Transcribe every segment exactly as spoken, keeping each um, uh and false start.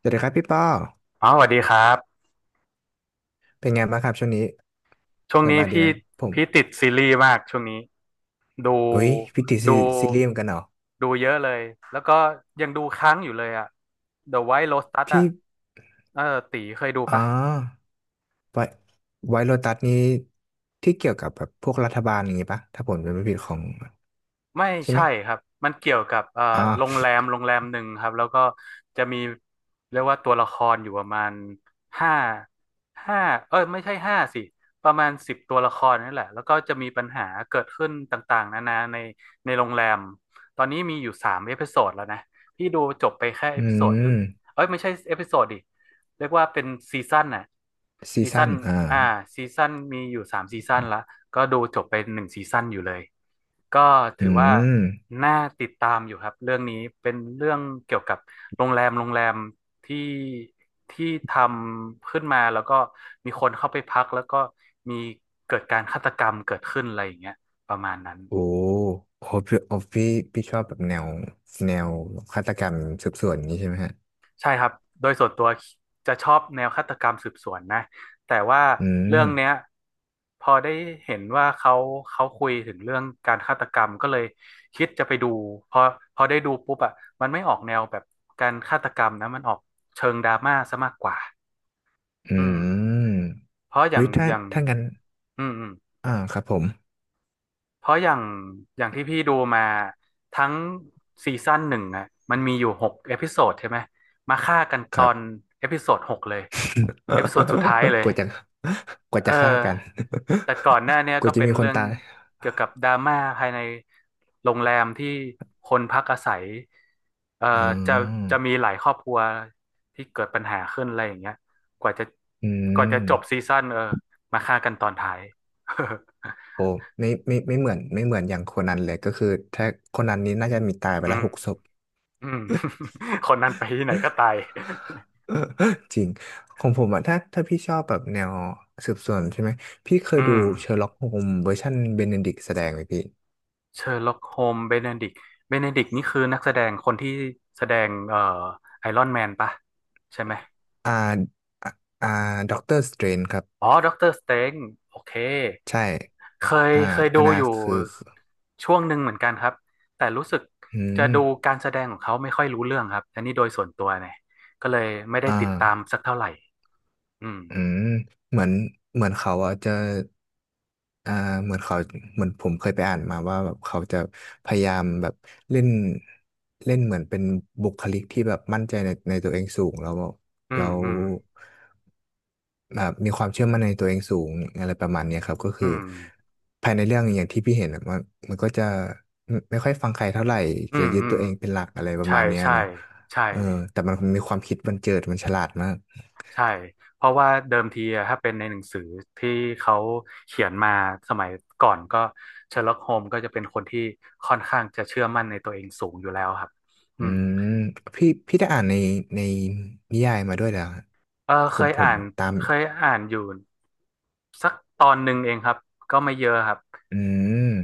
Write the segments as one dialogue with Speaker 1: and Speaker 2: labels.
Speaker 1: สวัสดีครับพี่ป้อ
Speaker 2: อ๋อสวัสดีครับ
Speaker 1: เป็นไงบ้างครับช่วงนี้
Speaker 2: ช่วง
Speaker 1: ส
Speaker 2: นี้
Speaker 1: บายดีไห
Speaker 2: พี่
Speaker 1: มผม
Speaker 2: พี่ติดซีรีส์มากช่วงนี้ ดู
Speaker 1: อุ้ยพี่ติดซี
Speaker 2: ดู
Speaker 1: ซีรีส์เหมือนกันเหรอ
Speaker 2: ดูเยอะเลย แล้วก็ยังดูค้างอยู่เลยอะ The White Lotus อะ
Speaker 1: พี่
Speaker 2: เออตีเคยดู
Speaker 1: อ๋อ
Speaker 2: ปะ
Speaker 1: ไวไวโรตัสนี้ที่เกี่ยวกับแบบพวกรัฐบาลอย่างงี้ปะถ้าผมจำไม่ผิดของ
Speaker 2: ไม่
Speaker 1: ใช่ไหม
Speaker 2: ใช่ครับ มันเกี่ยวกับเอ่อ
Speaker 1: อ๋อ
Speaker 2: โรงแรมโรงแรมหนึ่งครับแล้วก็จะมีเรียกว่าตัวละครอยู่ประมาณห้าห้าเอ้ยไม่ใช่ห้าสิประมาณสิบตัวละครนี่แหละแล้วก็จะมีปัญหาเกิดขึ้นต่างๆนานาในในโรงแรม ตอนนี้มีอยู่สามเอพิโซดแล้วนะพี่ดูจบไปแค่เอ
Speaker 1: อื
Speaker 2: พิโซด
Speaker 1: ม
Speaker 2: เอ้ยไม่ใช่เอพิโซดดิเรียกว่าเป็นซีซั่นน่ะ
Speaker 1: ซี
Speaker 2: ซี
Speaker 1: ซั่
Speaker 2: ซั่
Speaker 1: น
Speaker 2: น
Speaker 1: อ่า
Speaker 2: อ่าซีซั่นมีอยู่สามซีซั่นละก็ดูจบไปหนึ่งซีซั่นอยู่เลย ก็
Speaker 1: อื
Speaker 2: ถือว่า
Speaker 1: ม
Speaker 2: น่าติดตามอยู่ครับ เรื่องนี้เป็นเรื่องเกี่ยวกับโรงแรมโรงแรมที่ที่ทำขึ้นมาแล้วก็มีคนเข้าไปพักแล้วก็มีเกิดการฆาตกรรมเกิดขึ้นอะไรอย่างเงี้ยประมาณนั้น
Speaker 1: โอ้โหพี่โอ้พี่พี่ชอบแบบแนวแนวฆาตกรรมสืบสวนอย่างงี้ใช่ไหมฮะ
Speaker 2: ใช่ครับ โดยส่วนตัวจะชอบแนวฆาตกรรมสืบสวนนะแต่ว่า
Speaker 1: อืม
Speaker 2: เรื่องเนี้ยพอได้เห็นว่าเขาเขาคุยถึงเรื่องการฆาตกรรมก็เลยคิดจะไปดู พอพอได้ดูปุ๊บอ่ะมันไม่ออกแนวแบบการฆาตกรรมนะมันออกเชิงดราม่าซะมากกว่า
Speaker 1: อื
Speaker 2: อืม
Speaker 1: ม
Speaker 2: เพราะอย่า
Speaker 1: อุ้
Speaker 2: ง
Speaker 1: ยถ้า
Speaker 2: อย่าง
Speaker 1: ถ้างั้น
Speaker 2: อืมอืม
Speaker 1: อ่าครับผม
Speaker 2: เพราะอย่างอย่างที่พี่ดูมาทั้งซีซั่นหนึ่งอะมันมีอยู่หกเอพิโซดใช่ไหมมาฆ่ากัน
Speaker 1: ค
Speaker 2: ตอ
Speaker 1: รั
Speaker 2: น
Speaker 1: บ
Speaker 2: เอพิโซดหกเลยเอพิโซดสุดท้ายเลย
Speaker 1: กลัวจะกลัว
Speaker 2: เออ
Speaker 1: จะฆ่ากัน
Speaker 2: แต่ก่อนหน้าเนี้ ย
Speaker 1: กลั
Speaker 2: ก็
Speaker 1: วจะ
Speaker 2: เป็น
Speaker 1: มีค
Speaker 2: เรื่
Speaker 1: น
Speaker 2: อง
Speaker 1: ตาย
Speaker 2: เกี่ยวกับดราม่าภายในโรงแรมที่คนพักอาศัยเอ่อ
Speaker 1: อื
Speaker 2: จะ
Speaker 1: ม
Speaker 2: จะมีหลายครอบครัวที่เกิดปัญหาขึ้นอะไรอย่างเงี้ยกว่าจะ
Speaker 1: อื
Speaker 2: กว่า
Speaker 1: ม
Speaker 2: จะจบซีซั่นเออมาฆ่ากันตอนท้าย
Speaker 1: โอ้ไม่ไม่ไม่เหมือนไม่เหมือนอย่างโคนันเลยก็คือถ้าโคนันนี้น่าจะมีตายไป
Speaker 2: อื
Speaker 1: แล้ว
Speaker 2: ม
Speaker 1: หกศพ
Speaker 2: อืม คนนั้นไปที่ไหนก็ตาย
Speaker 1: จริงของผมอะถ้าถ้าพี่ชอบแบบแนวสืบสวนใช่ไหมพี่เค ย
Speaker 2: อื
Speaker 1: ดู
Speaker 2: ม
Speaker 1: เชอร์ล็อกโฮมเวอร์ชันเบเนดิกแสดงไหมพี่
Speaker 2: เชอร์ล็อกโฮมเบเนดิกเบเนดิกนี่คือนักแสดงคนที่แสดงเอ่อไอรอนแมนปะใช่ไหม
Speaker 1: อ่าอ่าอ่าด็อกเตอร์สเตรนครับ
Speaker 2: อ๋อด็อกเตอร์สเตนโอเค
Speaker 1: ใช่
Speaker 2: เคย
Speaker 1: อ่า
Speaker 2: เคย
Speaker 1: อัน
Speaker 2: ดู
Speaker 1: นั้น
Speaker 2: อยู่
Speaker 1: คือ
Speaker 2: ช่วงหนึ่งเหมือนกันครับแต่รู้สึก
Speaker 1: อื
Speaker 2: จะ
Speaker 1: ม
Speaker 2: ดูการแสดงของเขาไม่ค่อยรู้เรื่องครับอันนี้โดยส่วนตัวเนี่ยก็เลยไม่ได้
Speaker 1: อ่า
Speaker 2: ติดตามสักเท่าไหร่ อืม
Speaker 1: อืมเหมือนเหมือนเขาอะจะอ่าเหมือนเขาเหมือนผมเคยไปอ่านมาว่าแบบเขาจะพยายามแบบเล่นเล่นเหมือนเป็นบุคลิกที่แบบมั่นใจในในตัวเองสูงแล้ว
Speaker 2: อื
Speaker 1: แล้
Speaker 2: ม
Speaker 1: ว
Speaker 2: อืม
Speaker 1: แบบมีความเชื่อมั่นในตัวเองสูงอะไรประมาณเนี้ยครับก็
Speaker 2: อื
Speaker 1: คือ
Speaker 2: ม
Speaker 1: ภายในเรื่องอย่างที่พี่เห็นอะมันมันก็จะไม่ไม่ค่อยฟังใครเท่าไหร่
Speaker 2: อื
Speaker 1: จะ
Speaker 2: ม
Speaker 1: ยึด
Speaker 2: อืม
Speaker 1: ตัว
Speaker 2: อื
Speaker 1: เอ
Speaker 2: ม
Speaker 1: งเป็นหลักอะไรประ
Speaker 2: ใช่
Speaker 1: มาณเนี้ย
Speaker 2: ใช่
Speaker 1: เนาะ
Speaker 2: ใช่
Speaker 1: เออแต่มันมีความคิดบันเจิดมันฉลาดมาก
Speaker 2: ใช่ เพราะว่าเดิมทีอะถ้าเป็นในหนังสือที่เขาเขียนมาสมัยก่อนก็เชอร์ล็อกโฮมก็จะเป็นคนที่ค่อนข้างจะเชื่อมั่นในตัวเองสูงอยู่แล้วครับอื
Speaker 1: อื
Speaker 2: ม
Speaker 1: มพี่พี่ได้อ่านในในนิยายมาด้วยแล้ว
Speaker 2: เออ
Speaker 1: ผ
Speaker 2: เค
Speaker 1: ม
Speaker 2: ย
Speaker 1: ผม
Speaker 2: อ่าน
Speaker 1: ตาม
Speaker 2: เคยอ่านอยู่สักตอนหนึ่งเองครับก็ไม่เยอะครับ
Speaker 1: อืม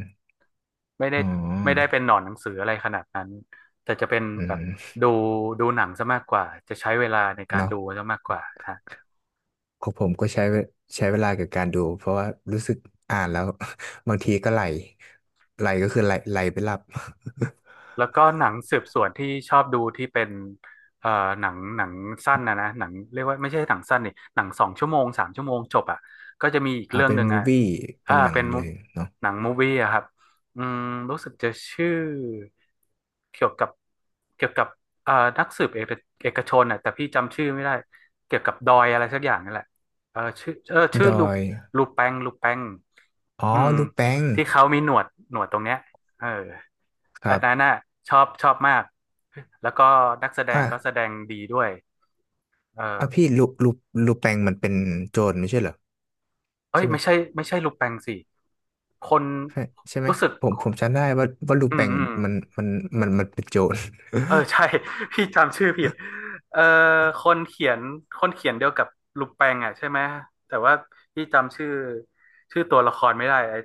Speaker 2: ไม่ได้
Speaker 1: อ๋
Speaker 2: ไม่ได้
Speaker 1: อ
Speaker 2: เป็นหนอนหนังสืออะไรขนาดนั้นแต่จะเป็น
Speaker 1: อื
Speaker 2: แบบ
Speaker 1: ม
Speaker 2: ดูดูหนังซะมากกว่าจะใช้เวลาในการ
Speaker 1: เนาะ
Speaker 2: ดูซะมากกว่าฮะ
Speaker 1: ของผมก็ใช้เวใช้เวลากับการดูเพราะว่ารู้สึกอ่านแล้ว บางทีก็ไหลไหลก็คือไหลไหลไปหลับ
Speaker 2: แล้วก็หนังสืบสวนที่ชอบดูที่เป็นเอ่อหนังหนังสั้นนะนะหนังเรียกว่าไม่ใช่หนังสั้นนี่หนังสองชั่วโมงสามชั่วโมงจบอ่ะก็จะมีอีก
Speaker 1: อ่า
Speaker 2: เรื่อง
Speaker 1: เป็
Speaker 2: ห
Speaker 1: น
Speaker 2: นึ่ง
Speaker 1: มูฟ
Speaker 2: อ่ะ
Speaker 1: วี่เป็
Speaker 2: อ่า
Speaker 1: นหนัง
Speaker 2: เป็น mo-
Speaker 1: เลยเนาะ
Speaker 2: หนังมูวี่อะครับอืมรู้สึกจะชื่อเกี่ยวกับเกี่ยวกับเอ่อนักสืบเอกเอกชนอ่ะแต่พี่จำชื่อไม่ได้เกี่ยวกับดอยอะไรสักอย่างนั่นแหละเออชื่อเออชื่
Speaker 1: ด
Speaker 2: อ
Speaker 1: อ
Speaker 2: ลู
Speaker 1: ย
Speaker 2: ลูแปงลูแปง
Speaker 1: อ๋อ
Speaker 2: อืม
Speaker 1: ลูแปง
Speaker 2: ที่เขามีหนวดหนวดตรงเนี้ยเออ
Speaker 1: ครั
Speaker 2: อันนั้น
Speaker 1: บ
Speaker 2: น่ะชอบชอบมากแล้วก็นักแสด
Speaker 1: อ่ะ
Speaker 2: งก็แสดงดีด้วย
Speaker 1: อ่ะ
Speaker 2: เออ
Speaker 1: พี่ลูลูลูแปงมันเป็นโจรไม่ใช่เหรอ
Speaker 2: เอ้ย
Speaker 1: ใช่ไหม
Speaker 2: ไม่ใช่ไม่ใช่ลูแปงสิคน
Speaker 1: ใช่ใช่ไหม
Speaker 2: รู้สึก
Speaker 1: ผมผมจำได้ว่าว่าลู
Speaker 2: อื
Speaker 1: แป
Speaker 2: ม
Speaker 1: ง
Speaker 2: อืม
Speaker 1: มันมันมันมันเป็นโจร
Speaker 2: เออใช่ พี่จำชื่อผิดเออคนเขียนคนเขียนเดียวกับลุงแปงอ่ะใช่ไหมแต่ว่าพี่จำชื่อชื่อตัวละครไม่ได้ไอ้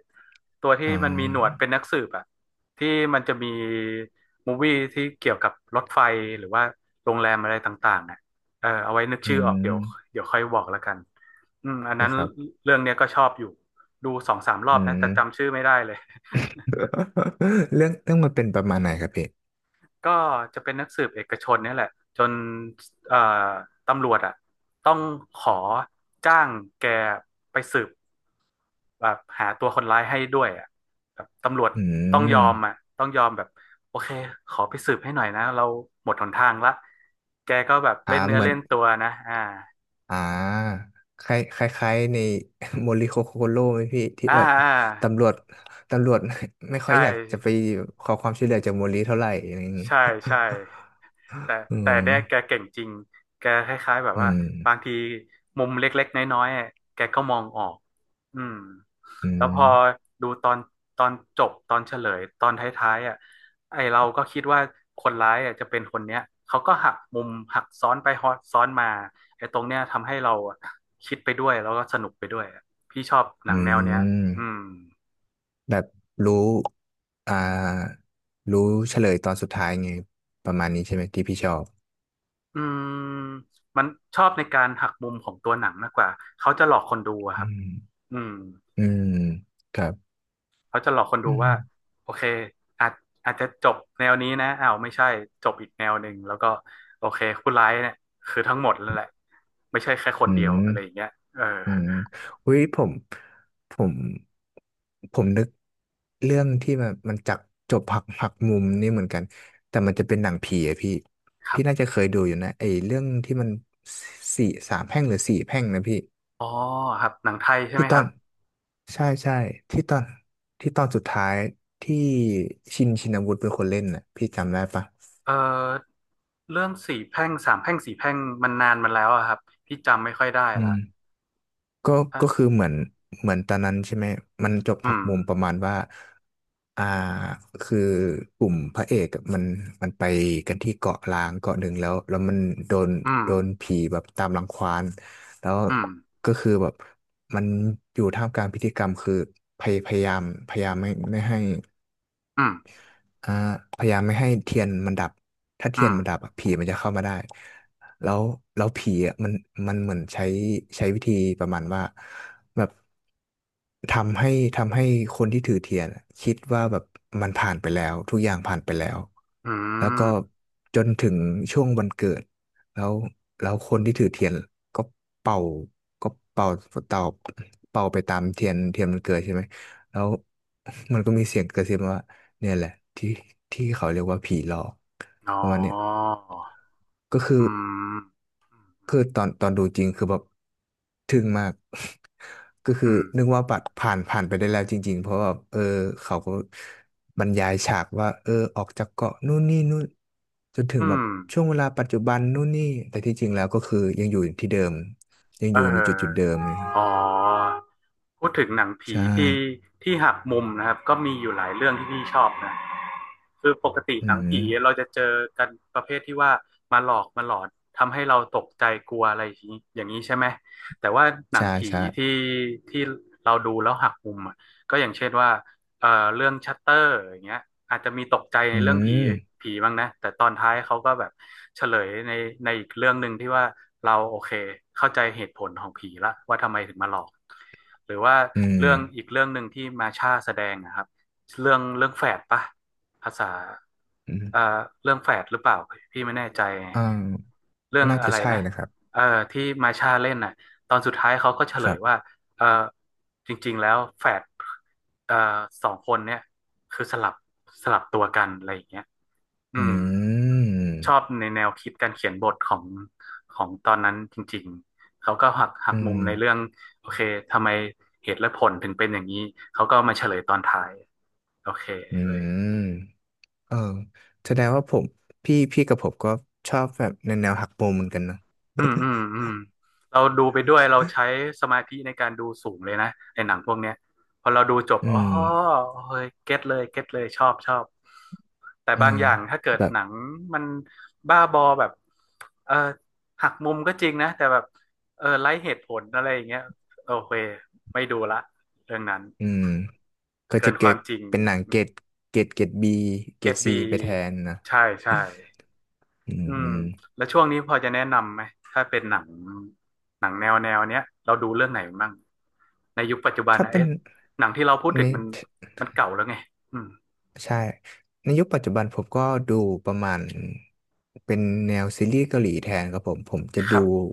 Speaker 2: ตัว ที่
Speaker 1: อ๋อ
Speaker 2: มันมีหนวดเป็นนักสืบอ่ะที่มันจะมีมูวี่ที่เกี่ยวกับรถไฟหรือว่าโรงแรมอะไรต่างๆอ่ะเออเอาไว้นึก
Speaker 1: อื
Speaker 2: ชื่อออกเดี๋ยว
Speaker 1: ม
Speaker 2: เดี๋ยวค่อยบอกแล้วกันอืม
Speaker 1: โอ
Speaker 2: อัน
Speaker 1: เค
Speaker 2: นั้น
Speaker 1: ครับ
Speaker 2: เรื่องเนี้ยก็ชอบอยู่ดูสองสามรอ
Speaker 1: อื
Speaker 2: บนะ
Speaker 1: ม
Speaker 2: แต่จำชื่อไม่ได้เลย
Speaker 1: เรื่องเรื่องมันเป็นประมาณไหนครับพี่
Speaker 2: ก็จะเป็นนักสืบเอกชนเนี่ยแหละจนเอ่อตำรวจอ่ะต้องขอจ้างแกไปสืบแบบหาตัวคนร้ายให้ด้วยอ่ะแบบตำรวจ
Speaker 1: อื
Speaker 2: ต้องยอ
Speaker 1: ม
Speaker 2: มอ่ะต้องยอมแบบโอเคขอไปสืบให้หน่อยนะเราหมดหนทางละแกก็แบบ
Speaker 1: อ่า
Speaker 2: เล่นเนื้อ
Speaker 1: เหมือ
Speaker 2: เล่
Speaker 1: น
Speaker 2: นตัวนะอ่า
Speaker 1: อ่าคล้ายคล้ายคล้ายใน โมริโคโคโร่ไหมพี่ที่
Speaker 2: อ่า
Speaker 1: แบบ
Speaker 2: อ่า
Speaker 1: ตำรวจตำรวจ ไม่ค่อ
Speaker 2: ใช่
Speaker 1: ยอยากจะไปขอความช่วยเหลือจากโมริเท่าไหร่อะไรอย่างงี้
Speaker 2: ใช่ใช่ แต่
Speaker 1: อื
Speaker 2: แต่เนี่ยแก
Speaker 1: ม
Speaker 2: เก่งจริงแกคล้ายๆแบบ
Speaker 1: อื
Speaker 2: ว่า
Speaker 1: ม
Speaker 2: บางทีมุมเล็กๆน้อยๆอะแกก็มองออกอืม
Speaker 1: อื
Speaker 2: แล้วพ
Speaker 1: ม
Speaker 2: อดูตอนตอนจบตอนเฉลยตอนท้ายๆอ่ะไอเราก็คิดว่าคนร้ายอ่ะจะเป็นคนเนี้ยเขาก็หักมุมหักซ้อนไปฮอซ้อนมาไอตรงเนี้ยทำให้เราอะคิดไปด้วยแล้วก็สนุกไปด้วยอะพี่ชอบหนัง
Speaker 1: อื
Speaker 2: แนวเนี้ย
Speaker 1: ม
Speaker 2: อืม
Speaker 1: แบบรู้ อ่า รู้เฉลยตอนสุดท้ายไงประมาณนี้ใช่ไหมที่พี่ชอบ
Speaker 2: อืมมันชอบในการหักมุมของตัวหนังมากกว่าเขาจะหลอกคนดูอะค
Speaker 1: อื
Speaker 2: รับ
Speaker 1: ม
Speaker 2: อืม
Speaker 1: อืมครับ
Speaker 2: เขาจะหลอกคนดู
Speaker 1: อืม
Speaker 2: ว่าโอเคอาจอาจจะจบแนวนี้นะอ้าวไม่ใช่จบอีกแนวหนึ่งแล้วก็โอเคผู้ร้ายเนี่ยคือทั้งหมดนั่นแหละไม่ใช่แค่คน
Speaker 1: อื
Speaker 2: เดียว
Speaker 1: ม
Speaker 2: อะไรอย่างเงี้ยเออ
Speaker 1: อืมอุ้ยผม ผม ผมนึกเรื่องที่มันมันจักจบหักหักมุมนี่เหมือนกัน แต่มันจะเป็นหนังผีอะพี่
Speaker 2: ครั
Speaker 1: พี่น่า
Speaker 2: บ
Speaker 1: จะเคยดูอยู่นะไอ้เรื่องที่มันสี่สามแพร่งหรือสี่แพร่งนะพี่
Speaker 2: อ๋อครับหนังไทยใช่ไห
Speaker 1: ที่
Speaker 2: ม
Speaker 1: ต
Speaker 2: ค
Speaker 1: อ
Speaker 2: รับ
Speaker 1: นใช่ใช่ที่ตอนที่ตอนสุดท้ายที่ชินชินวุฒิเป็นคนเล่นน่ะพี่จำได้ปะ
Speaker 2: เออเรื่องสี่แพร่งสามแพร่งสี่แพร่งมันนานมันแล้วอะครับพี่จำไม่ค่อยได้
Speaker 1: อื
Speaker 2: ละ
Speaker 1: มก็
Speaker 2: อ่ะ
Speaker 1: ก็คือเหมือนเหมือนตอนนั้นใช่ไหมมันจบ
Speaker 2: อื
Speaker 1: ผัก
Speaker 2: ม
Speaker 1: มุมประมาณว่าอ่าคือกลุ่มพระเอกอะมันมันไปกันที่เกาะล้างเกาะหนึ่งแล้วแล้วมันโดน
Speaker 2: อืม
Speaker 1: โดนผีแบบตามรังควานแล้ว
Speaker 2: อืม
Speaker 1: ก็คือแบบมันอยู่ท่ามกลางพิธีกรรมคือพยพยายามพยายามไม่ไม่ให้
Speaker 2: อืม
Speaker 1: อ่าพยายามไม่ให้เทียนมันดับถ้า
Speaker 2: อื
Speaker 1: เทียนมันดับ
Speaker 2: ม
Speaker 1: อะผีมันจะเข้ามาได้แล้วแล้วผีอะมันมันเหมือนใช้ใช้วิธีประมาณว่าแบบทำให้ทำให้คนที่ถือเทียนอะคิดว่าแบบมันผ่านไปแล้วทุกอย่างผ่านไปแล้ว
Speaker 2: อื
Speaker 1: แล้วก็
Speaker 2: ม
Speaker 1: จนถึงช่วงวันเกิดแล้วแล้วคนที่ถือเทียนก็เป่าก็เป่าเป่าเป่าไปตามเทียนเทียนมันเกิดใช่ไหม แล้ว มันก็มีเสียงกระซิบมาว่าเนี่ยแหละที่ที่เขาเรียกว่าผีหลอก
Speaker 2: อ๋อ
Speaker 1: ประมาณเนี้ยก็คือ
Speaker 2: อืม
Speaker 1: คือตอนตอนดูจริงคือแบบทึ่งมาก ก็
Speaker 2: อื
Speaker 1: คือ
Speaker 2: ม
Speaker 1: นึกว่าปัดผ่านผ่านไปได้แล้วจริงๆเพราะว่าเออเขาก็บรรยายฉากว่าเออออกจากเกาะนู่นนี่นู่นจนถึ
Speaker 2: อื
Speaker 1: งแบบ
Speaker 2: ม
Speaker 1: ช่วงเวลาปัจจุบันนู่นนี่แต่ที่จริงแล้วก็คือยังอยู่ที่เดิมยัง
Speaker 2: เอ
Speaker 1: อ
Speaker 2: อ
Speaker 1: ยู่ในจุดจุดเดิมเลย
Speaker 2: อ๋อพูดถึงหนังผี
Speaker 1: ใช่
Speaker 2: ที่ที่หักมุมนะครับก็มีอยู่หลายเรื่องที่พี่ชอบนะ คือปกติ
Speaker 1: อื
Speaker 2: หนัง
Speaker 1: ม
Speaker 2: ผีเราจะเจอกันประเภทที่ว่ามาหลอกมาหลอนทำให้เราตกใจกลัวอะไรอย่างนี้อย่างนี้ใช่ไหมแต่ว่าหนัง
Speaker 1: ใช่
Speaker 2: ผี
Speaker 1: ใช่
Speaker 2: ที่ที่เราดูแล้วหักมุมอะก็อย่างเช่นว่าเอ่อเรื่องชัตเตอร์อย่างเงี้ยอาจจะมีตกใจใน
Speaker 1: อื
Speaker 2: เรื่องผี
Speaker 1: ม
Speaker 2: ผีบ้างนะแต่ตอนท้ายเขาก็แบบเฉลยในในอีกเรื่องหนึ่งที่ว่าเราโอเคเข้าใจเหตุผลของผีละว่าทำไมถึงมาหลอกหรือว่า
Speaker 1: อืม
Speaker 2: เรื่องอีกเรื่องหนึ่งที่มาช่าแสดงนะครับเรื่องเรื่องแฝดปะ ภาษา
Speaker 1: อืม
Speaker 2: เอ่อเรื่องแฝดหรือเปล่าพี่ไม่แน่ใจ
Speaker 1: อ่า
Speaker 2: เรื่อง
Speaker 1: น่า
Speaker 2: อะ
Speaker 1: จะ
Speaker 2: ไร
Speaker 1: ใช่
Speaker 2: นะ
Speaker 1: นะครับ
Speaker 2: เอ่อที่มาชาเล่นน่ะตอนสุดท้ายเขาก็เฉ
Speaker 1: ค
Speaker 2: ล
Speaker 1: รั
Speaker 2: ยว่า
Speaker 1: บ
Speaker 2: เอ่อจริงๆแล้วแฝดเอ่อสองคนเนี่ยคือสลับสลับตัวกันอะไรอย่างเงี้ยอื
Speaker 1: อื
Speaker 2: มชอบ
Speaker 1: ม
Speaker 2: ในแนวคิดการเขียนบทของของตอนนั้นจริงๆเขาก็หักหัก
Speaker 1: อื
Speaker 2: มุม
Speaker 1: ม
Speaker 2: ในเรื่องโอเคทำไมเหตุและผลถึงเป็นอย่างนี้เขาก็มาเฉลยตอนท้ายโอเค
Speaker 1: อื
Speaker 2: เลย
Speaker 1: มเออแสดงว่าผมพี่พี่กับผมก็ชอบแบบแนวแนวหักมุมเหมือนกันเนอะ
Speaker 2: อืมอืมอืมเราดูไปด้วยเราใช้สมาธิในการดูสูงเลยนะในหนังพวกเนี้ยพอเราดูจบ
Speaker 1: อื
Speaker 2: อ๋อ
Speaker 1: ม
Speaker 2: เฮ้ยเก็ตเลยเก็ตเลยชอบชอบแต่
Speaker 1: เออ
Speaker 2: บางอย่างถ้าเกิด
Speaker 1: แบบ
Speaker 2: หนังมันบ้าบอแบบเออหักมุมก็จริงนะแต่แบบเออไร้เหตุผลอะไรอย่างเงี้ยโอเคไม่ดูละเรื่องนั้น
Speaker 1: อืมก็
Speaker 2: เกิ
Speaker 1: จะ
Speaker 2: น
Speaker 1: เก
Speaker 2: ความ
Speaker 1: ต
Speaker 2: จริง
Speaker 1: เป็นหนังเกรดเกรดเกรดบีเก
Speaker 2: เก
Speaker 1: ร
Speaker 2: ร
Speaker 1: ด
Speaker 2: ด
Speaker 1: ซี
Speaker 2: บี
Speaker 1: ไปแทนนะ
Speaker 2: ใช่ใช่
Speaker 1: อื
Speaker 2: อืม
Speaker 1: ม
Speaker 2: แล้วช่วงนี้พอจะแนะนำไหมถ้าเป็นหนังหนังแนวแนวเนี้ยเราดูเรื่องไหนมั่งในยุคปัจจุบัน
Speaker 1: ถ้า
Speaker 2: นะ
Speaker 1: เป็น
Speaker 2: เอ๊ะหนังที่เราพูดถึ
Speaker 1: ใน
Speaker 2: งมันมันเก่าแล้วไงอืม
Speaker 1: ใช่ ในยุคปัจจุบันผมก็ดูประมาณเป็นแนวซีรีส์เกาหลีแทนครับผม ผมจะ
Speaker 2: ครั
Speaker 1: ดู
Speaker 2: บ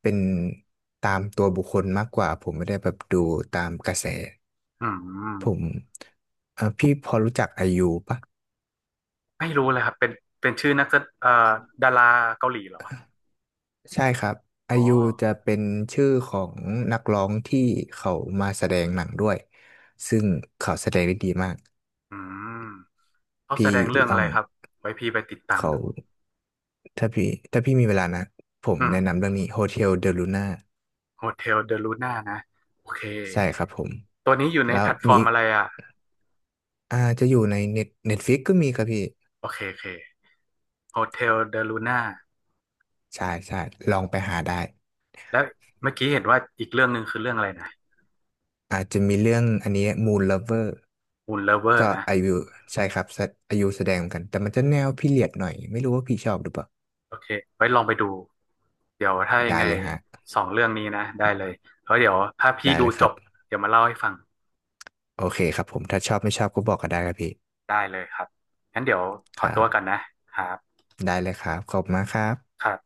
Speaker 1: เป็นตามตัวบุคคลมากกว่า ผมไม่ได้แบบดูตามกระแส
Speaker 2: อืม
Speaker 1: ผมเอ่อพี่พอรู้จักไอยูปะ
Speaker 2: ไม่รู้เลยครับเป็นเป็นชื่อนักแสเอ่อดาราเกาหลีเหรอ
Speaker 1: ใช่ครับไอ
Speaker 2: อ๋อ
Speaker 1: ยูจะเป็นชื่อของนักร้องที่เขามาแสดงหนังด้วยซึ่งเขาแสดงได้ดีมาก
Speaker 2: อืมเขาแส
Speaker 1: พี่
Speaker 2: ดงเรื่อง
Speaker 1: ล
Speaker 2: อะ
Speaker 1: อ
Speaker 2: ไร
Speaker 1: ง
Speaker 2: ครับไว้พี่ไปติดตาม
Speaker 1: เขา
Speaker 2: ดู
Speaker 1: ถ้าพี่ถ้าพี่มีเวลานะผม
Speaker 2: อืม
Speaker 1: แนะนำเรื่องนี้ โฮเทล เดอ ลูน่า
Speaker 2: โฮเทลเดลูน่านะโอเค
Speaker 1: ใช่ครับผม
Speaker 2: ตัวนี้อยู่ใน
Speaker 1: แล้
Speaker 2: แพ
Speaker 1: ว
Speaker 2: ลตฟ
Speaker 1: มี
Speaker 2: อร์ม
Speaker 1: อีก
Speaker 2: อะไรอ่ะ
Speaker 1: อ่าจะอยู่ในเน็ตเน็ตฟิกก็มีครับพี่
Speaker 2: โอเคโอเคโฮเทลเดลูน่า
Speaker 1: ใช่ใช่ลองไปหาได้
Speaker 2: แล้วเมื่อกี้เห็นว่าอีกเรื่องหนึ่งคือเรื่องอะไรนะ
Speaker 1: อาจจะมีเรื่องอันนี้ มูน เลิฟเวอร์
Speaker 2: Moon
Speaker 1: ก็
Speaker 2: Lover นะ
Speaker 1: ไอายุใช่ครับแสอายุแสดงเหมือนกันแต่มันจะแนวพีเรียดหน่อยไม่รู้ว่าพี่ชอบหรือเปล่า
Speaker 2: โอเคไว้ลองไปดูเดี๋ยวถ้ายัง
Speaker 1: ได้
Speaker 2: ไง
Speaker 1: เลยฮะ
Speaker 2: สองเรื่องนี้นะได้เลยแล้วเดี๋ยวถ้าพี่
Speaker 1: ได้
Speaker 2: ดู
Speaker 1: เลยค
Speaker 2: จ
Speaker 1: รับ
Speaker 2: บเดี๋ยวมาเล่าให้ฟัง
Speaker 1: โอเคครับผมถ้าชอบไม่ชอบก็บอกก็ได้ครับพี่
Speaker 2: ได้เลยครับงั้นเดี๋ยวข
Speaker 1: ค
Speaker 2: อ
Speaker 1: รั
Speaker 2: ตัวก่อน
Speaker 1: บ
Speaker 2: นะครับ
Speaker 1: ได้เลยครับขอบคุณมากครับ
Speaker 2: ครับ